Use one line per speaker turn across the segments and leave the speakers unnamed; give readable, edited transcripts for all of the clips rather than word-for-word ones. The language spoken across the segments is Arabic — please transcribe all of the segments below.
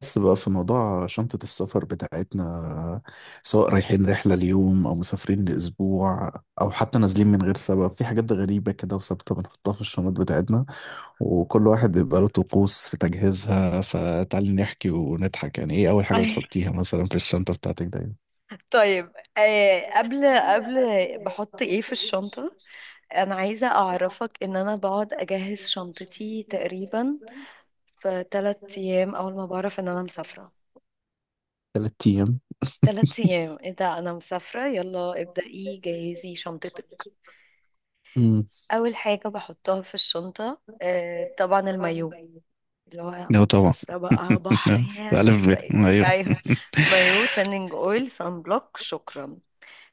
بس بقى في موضوع شنطة السفر بتاعتنا سواء رايحين رحلة ليوم أو مسافرين لأسبوع أو حتى نازلين من غير سبب في حاجات غريبة كده وثابتة بنحطها في الشنط بتاعتنا وكل واحد بيبقى له طقوس في تجهيزها فتعالي نحكي ونضحك يعني إيه أول حاجة
أي.
بتحطيها مثلا في الشنطة بتاعتك دايما.
طيب قبل بحط ايه في الشنطة؟ انا عايزة اعرفك ان انا بقعد اجهز شنطتي تقريبا في 3 ايام، اول ما بعرف ان انا مسافرة.
3 أيام.
3 ايام، ايه ده؟ انا مسافرة، يلا ابدأي جهزي شنطتك.
أمم.
اول حاجة بحطها في الشنطة طبعا المايو، اللي هو انا
لا طبعا.
مسافرة بقى بحر يا مش
ألف ب
عارفة ايه.
أيوه.
ايوه، مايو، تانينج اويل، سان بلوك، شكرا.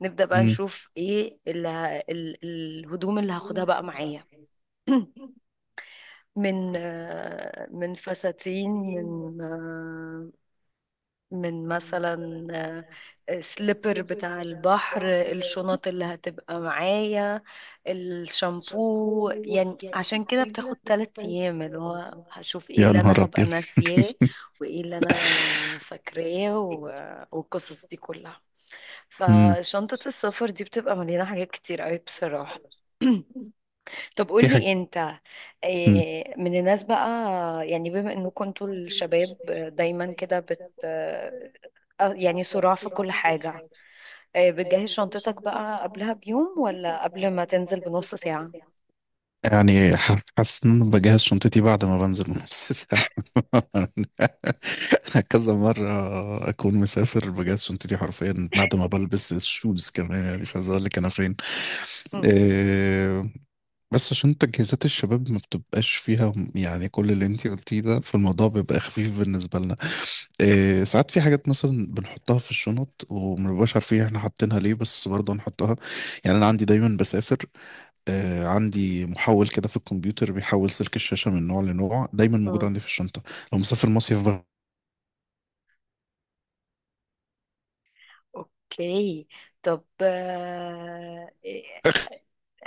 نبدأ بقى
أمم.
نشوف ايه اللي الهدوم اللي هاخدها بقى معايا، من فساتين، من آه، من مثلا، سليبر بتاع البحر، الشنط اللي هتبقى معايا، الشامبو. يعني عشان كده بتاخد 3 ايام، اللي هو هشوف ايه
يا
اللي
نهار
انا هبقى
أبيض
ناسياه وايه اللي انا فاكراه والقصص دي كلها.
أمم.
فشنطة السفر دي بتبقى مليانة حاجات كتير قوي بصراحة. طب
في حاجة.
قولي انت. من الناس بقى، يعني بما انكم انتوا الشباب دايما كده بت آه، آه، يعني صراع في كل حاجة. بتجهز شنطتك بقى قبلها بيوم ولا قبل ما تنزل بنص ساعة؟
يعني حاسس ان انا بجهز شنطتي بعد ما بنزل من نص ساعة. كذا مرة اكون مسافر بجهز شنطتي حرفيا بعد ما بلبس الشوز كمان يعني مش عايز اقول لك انا فين. آه، بس عشان تجهيزات الشباب ما بتبقاش فيها يعني كل اللي انتي قلتيه ده فالموضوع بيبقى خفيف بالنسبة لنا. إيه ساعات في حاجات مثلا بنحطها في الشنط وما بنبقاش عارفين احنا حاطينها ليه بس برضه هنحطها. يعني انا عندي دايما بسافر. عندي محول كده في الكمبيوتر بيحول سلك الشاشة من نوع لنوع دايما موجود
مم.
عندي في الشنطة. لو مسافر مصيف بقى.
اوكي. طب آه، إيه،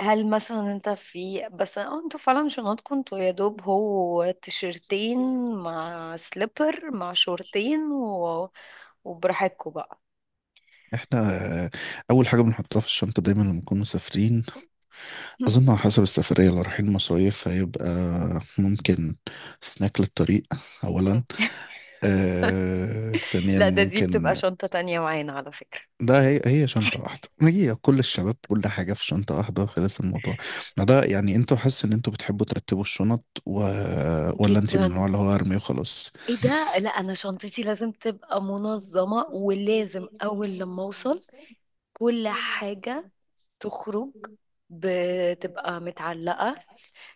هل مثلا انت، في بس، انتوا فعلا شنطكم انتوا يا دوب هو تيشرتين مع سليبر مع شورتين وبراحتكم بقى.
احنا آه، اول حاجة بنحطها في الشنطة دايما لما نكون مسافرين.
مم.
أظن على حسب السفرية لو رايحين مصايف هيبقى ممكن سناك للطريق
مم.
أولا. ثانيا
لا، ده
ممكن.
بتبقى شنطة تانية معانا على فكرة.
ده هي هي شنطة واحدة هي كل الشباب كل حاجة في شنطة واحدة خلاص الموضوع. ما ده يعني انتوا حاسس إن انتوا بتحبوا ترتبوا الشنط و ولا انت من
جدا.
النوع اللي هو أرمي وخلاص؟
ايه ده، لا انا شنطتي لازم تبقى منظمة، ولازم اول لما اوصل كل حاجة تخرج، بتبقى متعلقة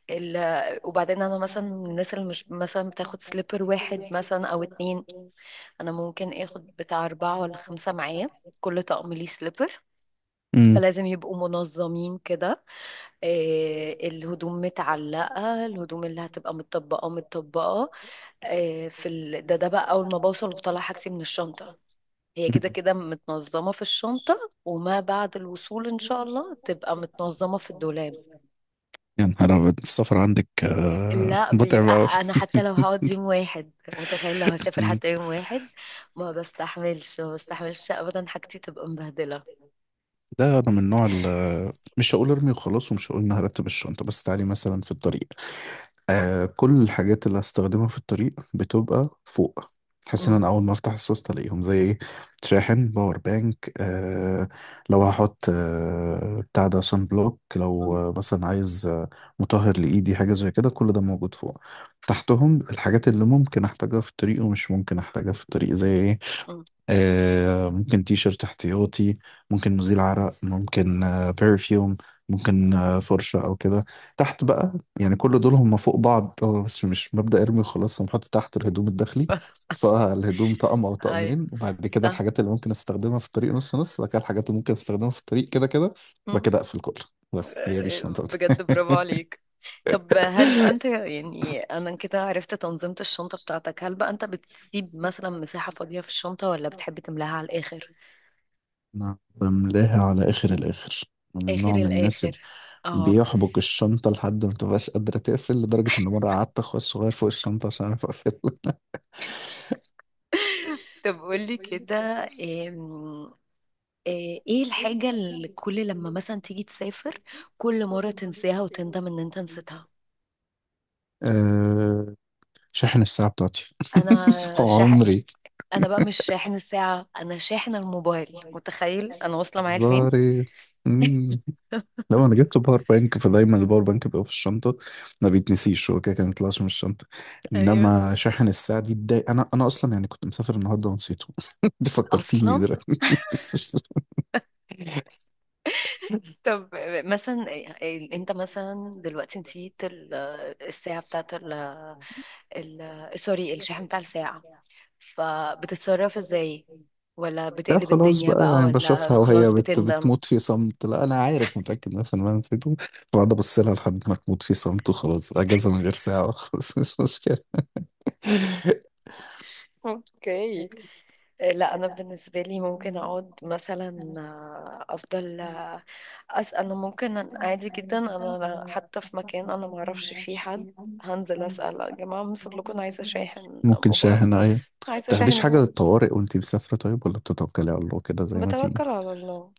ال... وبعدين انا مثلا من الناس اللي مش مثلا بتاخد سليبر واحد مثلا او اتنين، انا ممكن اخد بتاع اربعة ولا خمسة معايا، كل طقم ليه سليبر.
امم.
فلازم يبقوا منظمين كده. إيه، الهدوم متعلقة، الهدوم اللي هتبقى متطبقة متطبقة. إيه. ده بقى أول ما بوصل بطلع حاجتي من الشنطة، هي كده كده متنظمة في الشنطة، وما بعد الوصول إن شاء الله تبقى متنظمة في الدولاب.
يا نهار أبيض السفر عندك
لا،
متعب
بيبقى
أوي.
انا حتى لو هقعد يوم واحد، متخيل لو هسافر
مم.
حتى يوم واحد، ما بستحملش ما بستحملش ابدا حاجتي تبقى مبهدله.
ده أنا من النوع اللي مش هقول ارمي وخلاص ومش هقول إن هرتب الشنطة بس تعالي مثلا في الطريق. كل الحاجات اللي هستخدمها في الطريق بتبقى فوق. بحيث ان انا
امم.
اول ما افتح السوست الاقيهم زي ايه شاحن باور بانك لو هحط بتاع ده سان بلوك لو
امم.
مثلا عايز مطهر لايدي حاجه زي كده كل ده موجود فوق. تحتهم الحاجات اللي ممكن احتاجها في الطريق ومش ممكن احتاجها في الطريق زي ايه
امم.
ممكن تي شيرت احتياطي ممكن مزيل عرق ممكن برفيوم ممكن فرشة أو كده تحت بقى. يعني كل دول هم فوق بعض هو بس مش مبدأ ارمي وخلاص هم حاطط تحت الهدوم الداخلي. فالهدوم طقم أو
اي.
طقمين وبعد كده
صح.
الحاجات اللي ممكن استخدمها في الطريق نص نص وبعد كده الحاجات اللي ممكن استخدمها في الطريق كده كده وبعد
أمم.
كده أقفل كله. بس هي دي الشنطة
بجد برافو
بتاعتي.
عليك. طب هل بقى انت، يعني انا كده عرفت تنظيمة الشنطة بتاعتك، هل بقى انت بتسيب مثلا مساحة فاضية في الشنطة ولا بتحب تملاها على الاخر؟
أنا بملاها على آخر الآخر. أنا من
اخر
نوع من الناس
الاخر.
اللي
اه.
بيحبك الشنطة لحد ما تبقاش قادرة تقفل لدرجة إن مرة قعدت أخويا الصغير فوق الشنطة عشان أعرف أقفل.
طب قولي كده، ايه الحاجة اللي كل لما مثلا تيجي تسافر كل مرة تنساها وتندم ان انت نسيتها؟
أه شاحن الساعة بتاعتي.
انا شاحن
عمري
انا بقى مش شاحن الساعة، انا شاحن الموبايل. متخيل انا واصلة معايا لفين.
هزاري. مم. لو أنا جبت باور بانك فدايما الباور بانك بيبقى في الشنطة ما بيتنسيش هو كده كده ما بيطلعش من الشنطة.
ايوه.
إنما شاحن الساعة دي اتضايق أنا أصلا يعني كنت مسافر النهاردة ونسيته. أنت فكرتيني بيه
اصلا.
دلوقتي.
طب مثلا انت مثلا دلوقتي نسيت الساعة بتاعت سوري، الشاحن بتاع الساعة، فبتتصرف ازاي؟ ولا
لا
بتقلب
خلاص
الدنيا
بقى
بقى،
يعني
ولا
بشوفها وهي
خلاص
بت
بتندم؟
بتموت في صمت. لا انا عارف متاكد 100% نسيته. بقعد ابص لها لحد ما تموت في صمت وخلاص اجازه من غير ساعه خلاص. مش مشكله.
اوكي. لا انا بالنسبه لي ممكن اقعد مثلا، افضل آه، أس انا ممكن عادي جدا. انا حتى في مكان انا ما اعرفش فيه حد، هنزل اسال يا جماعه من فضلكم انا عايزه اشاحن
ممكن
موبايل،
شاحنه ايوه.
عايزه اشاحن
تاخديش
يا
حاجه
جماعه.
للطوارئ وانتي مسافره طيب ولا بتتوكلي على الله كده زي ما تيجي؟
بتوكل على الله.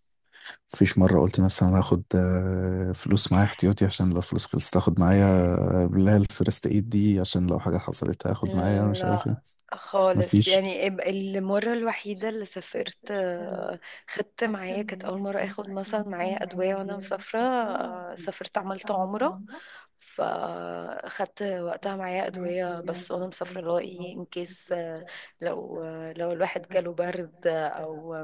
مفيش مره قلت مثلا انا هاخد فلوس معايا احتياطي عشان لو فلوس خلصت اخد معايا اللي هي الفيرست ايد دي عشان لو حاجه حصلت هاخد معايا مش عارف ايه.
لا خالص،
مفيش.
يعني المرة الوحيدة اللي سافرت خدت معايا، كانت أول مرة أخد مثلا معايا أدوية وأنا مسافرة، سافرت عملت عمرة، فاخدت وقتها معايا ادويه بس وانا مسافره اللي هو ايه ان كيس، لو لو الواحد جاله برد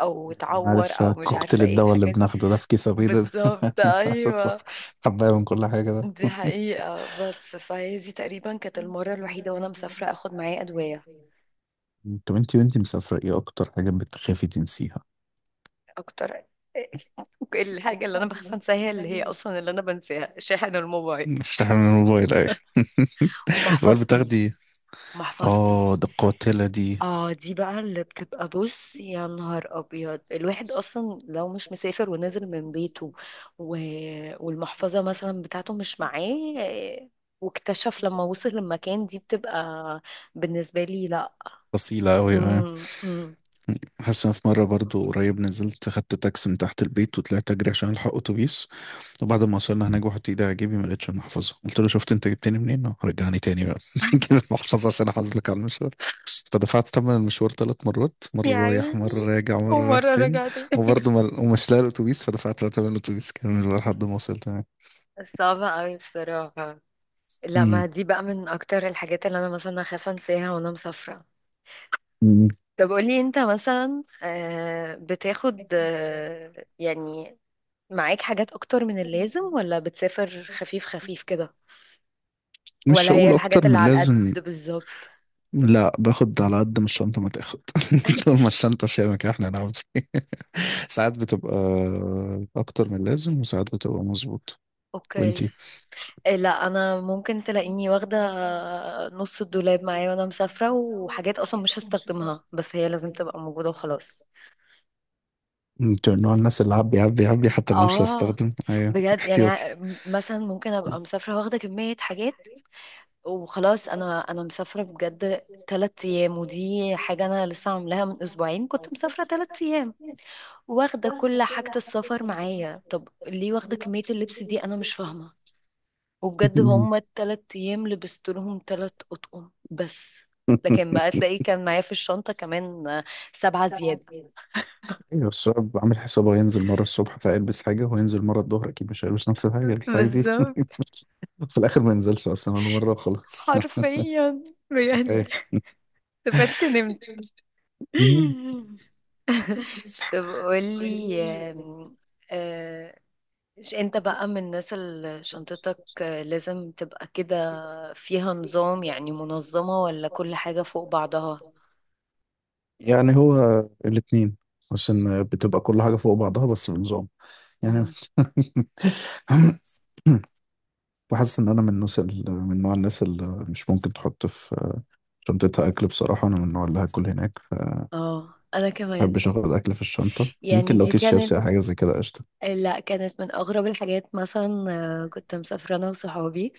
او
أنا
اتعور،
عارف
او مش
كوكتيل
عارفه ايه
الدواء اللي
الحاجات دي.
بناخده ده في كيس أبيض ده.
بالظبط.
عارف
ايوه.
حباية من كل حاجة ده.
دي حقيقه، بس فهي دي تقريبا كانت المره الوحيده وانا مسافره اخد معايا ادويه.
طب انتي وانتي مسافرة ايه أكتر حاجة بتخافي تنسيها؟
اكتر. الحاجه اللي انا بخاف انساها، اللي هي اصلا اللي انا بنساها، شاحن الموبايل
بتستحمي من الموبايل أيوة. الموبايل
ومحفظتي.
بتاخدي.
محفظتي،
اه ده قاتلة دي.
اه دي بقى اللي بتبقى، بص يا نهار ابيض، الواحد اصلا لو مش مسافر ونازل من بيته و... والمحفظة مثلا بتاعته مش معاه، واكتشف لما وصل المكان، دي بتبقى بالنسبة لي لا.
أصيلة أوي أيوة.
مم. مم.
حاسس إن أنا في مرة برضو قريب نزلت خدت تاكسي من تحت البيت وطلعت أجري عشان ألحق أتوبيس. وبعد ما وصلنا هناك بحط ايدي على جيبي ما لقيتش المحفظه قلت له شفت انت جبتني منين رجعني تاني بقى. جيب المحفظه عشان احاسبك على المشوار. فدفعت ثمن المشوار 3 مرات
يا
مره رايح
عيني.
مره راجع مره رايح
ومرة
تاني.
رجعت.
وبرضه ما ومش لاقي الاتوبيس. فدفعت بقى ثمن الاتوبيس كامل بقى لحد ما وصلت هناك.
صعبة قوي بصراحة. لا،
مم.
ما دي بقى من اكتر الحاجات اللي انا مثلا اخاف انساها وانا مسافرة.
مم.
طب قولي انت مثلا، بتاخد يعني معاك حاجات اكتر من اللازم، ولا بتسافر خفيف خفيف كده، ولا
مش
هي
هقول
الحاجات
اكتر
اللي
من
على القد
لازم.
بالظبط؟
لا باخد على قد ما الشنطه ما تاخد. طول ما الشنطه في مكان احنا نعمل إيه. ساعات بتبقى اكتر من لازم وساعات بتبقى مظبوط.
اوكي.
وانتي؟
لا انا ممكن تلاقيني واخده نص الدولاب معايا وانا مسافره، وحاجات اصلا مش هستخدمها بس هي لازم تبقى موجوده وخلاص.
انت من نوع الناس اللي عبي عبي عبي حتى لو مش
اه.
هستخدم ايوه
بجد، يعني
احتياطي.
مثلا ممكن ابقى مسافره واخده كميه حاجات وخلاص. انا مسافره بجد 3 ايام، ودي حاجه انا لسه عاملاها. من اسبوعين كنت مسافره 3 ايام، واخدة كل حاجة السفر معايا، طب ليه واخدة كمية اللبس دي؟ أنا مش فاهمة. وبجد هما التلات أيام لبست لهم 3 أطقم بس، لكن بقى تلاقيه كان معايا في الشنطة كمان 7 زيادة.
ايوه الشباب عامل حسابه هينزل مره الصبح فيلبس حاجه وهينزل مره الظهر اكيد مش هيلبس نفس الحاجه يلبس الحاجه دي.
بالظبط.
في الاخر ما ينزلش اصلا ولا مره وخلاص.
حرفيا. بجد
ايه.
سافرت نمت.
مم.
طب قولي آم، آه، مش انت بقى من الناس اللي شنطتك لازم تبقى كده فيها نظام، يعني منظمة، ولا كل حاجة فوق بعضها؟
يعني هو الاثنين بس ان بتبقى كل حاجه فوق بعضها بس بنظام يعني.
مم.
وحاسس ان انا من الناس من نوع الناس اللي مش ممكن تحط في شنطتها اكل بصراحه انا من النوع اللي هاكل هناك.
اه انا كمان.
محبش اخد اكل في الشنطه ممكن
يعني
لو
دي
كيس
كانت
شيبسي او حاجه زي كده قشطه.
لا، كانت من اغرب الحاجات. مثلا كنت مسافرة انا وصحابي،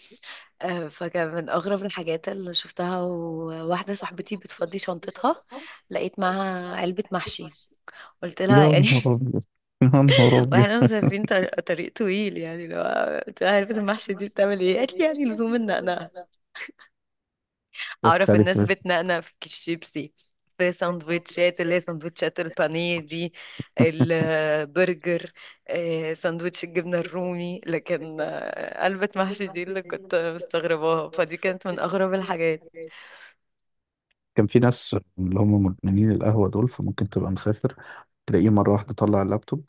فكان من اغرب الحاجات اللي شفتها، وواحدة صاحبتي بتفضي شنطتها، لقيت معاها علبة محشي، قلت
يا
لها
نهار
يعني.
ابيض يا نهار ابيض.
واحنا مسافرين طريق, طويل، يعني لو قلت لها علبة المحشي دي بتعمل ايه قالت لي يعني لزوم النقنقة.
كانت
اعرف
خالي
الناس
في-
بتنقنق في الشيبسي، في سندوتشات، اللي هي سندوتشات البانيه دي، البرجر، سندوتش الجبنة الرومي، لكن قلبة محشي دي اللي كنت مستغرباها، فدي كانت من اغرب الحاجات.
كان في ناس اللي هم مدمنين القهوه دول فممكن تبقى مسافر تلاقيه مره واحده طلع اللابتوب.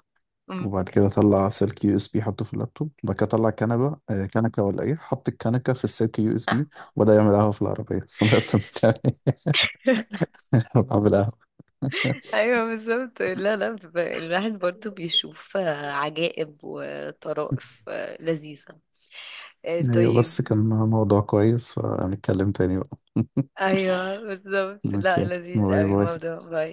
أمم.
وبعد كده طلع سلك يو اس بي حطه في اللابتوب وبعد كده طلع كنبه كنكه ولا ايه حط الكنكه في السلك يو اس بي. وبدا يعمل قهوه في العربيه. انا اصلا مستني اعمل قهوه.
ايوه بالظبط. لا لا، الواحد برضو بيشوف عجائب وطرائف لذيذة.
ايوه بس
طيب.
كان موضوع كويس فهنتكلم تاني بقى.
ايوه بالظبط، لا
اوكي
لذيذ
باي
قوي
باي.
الموضوع.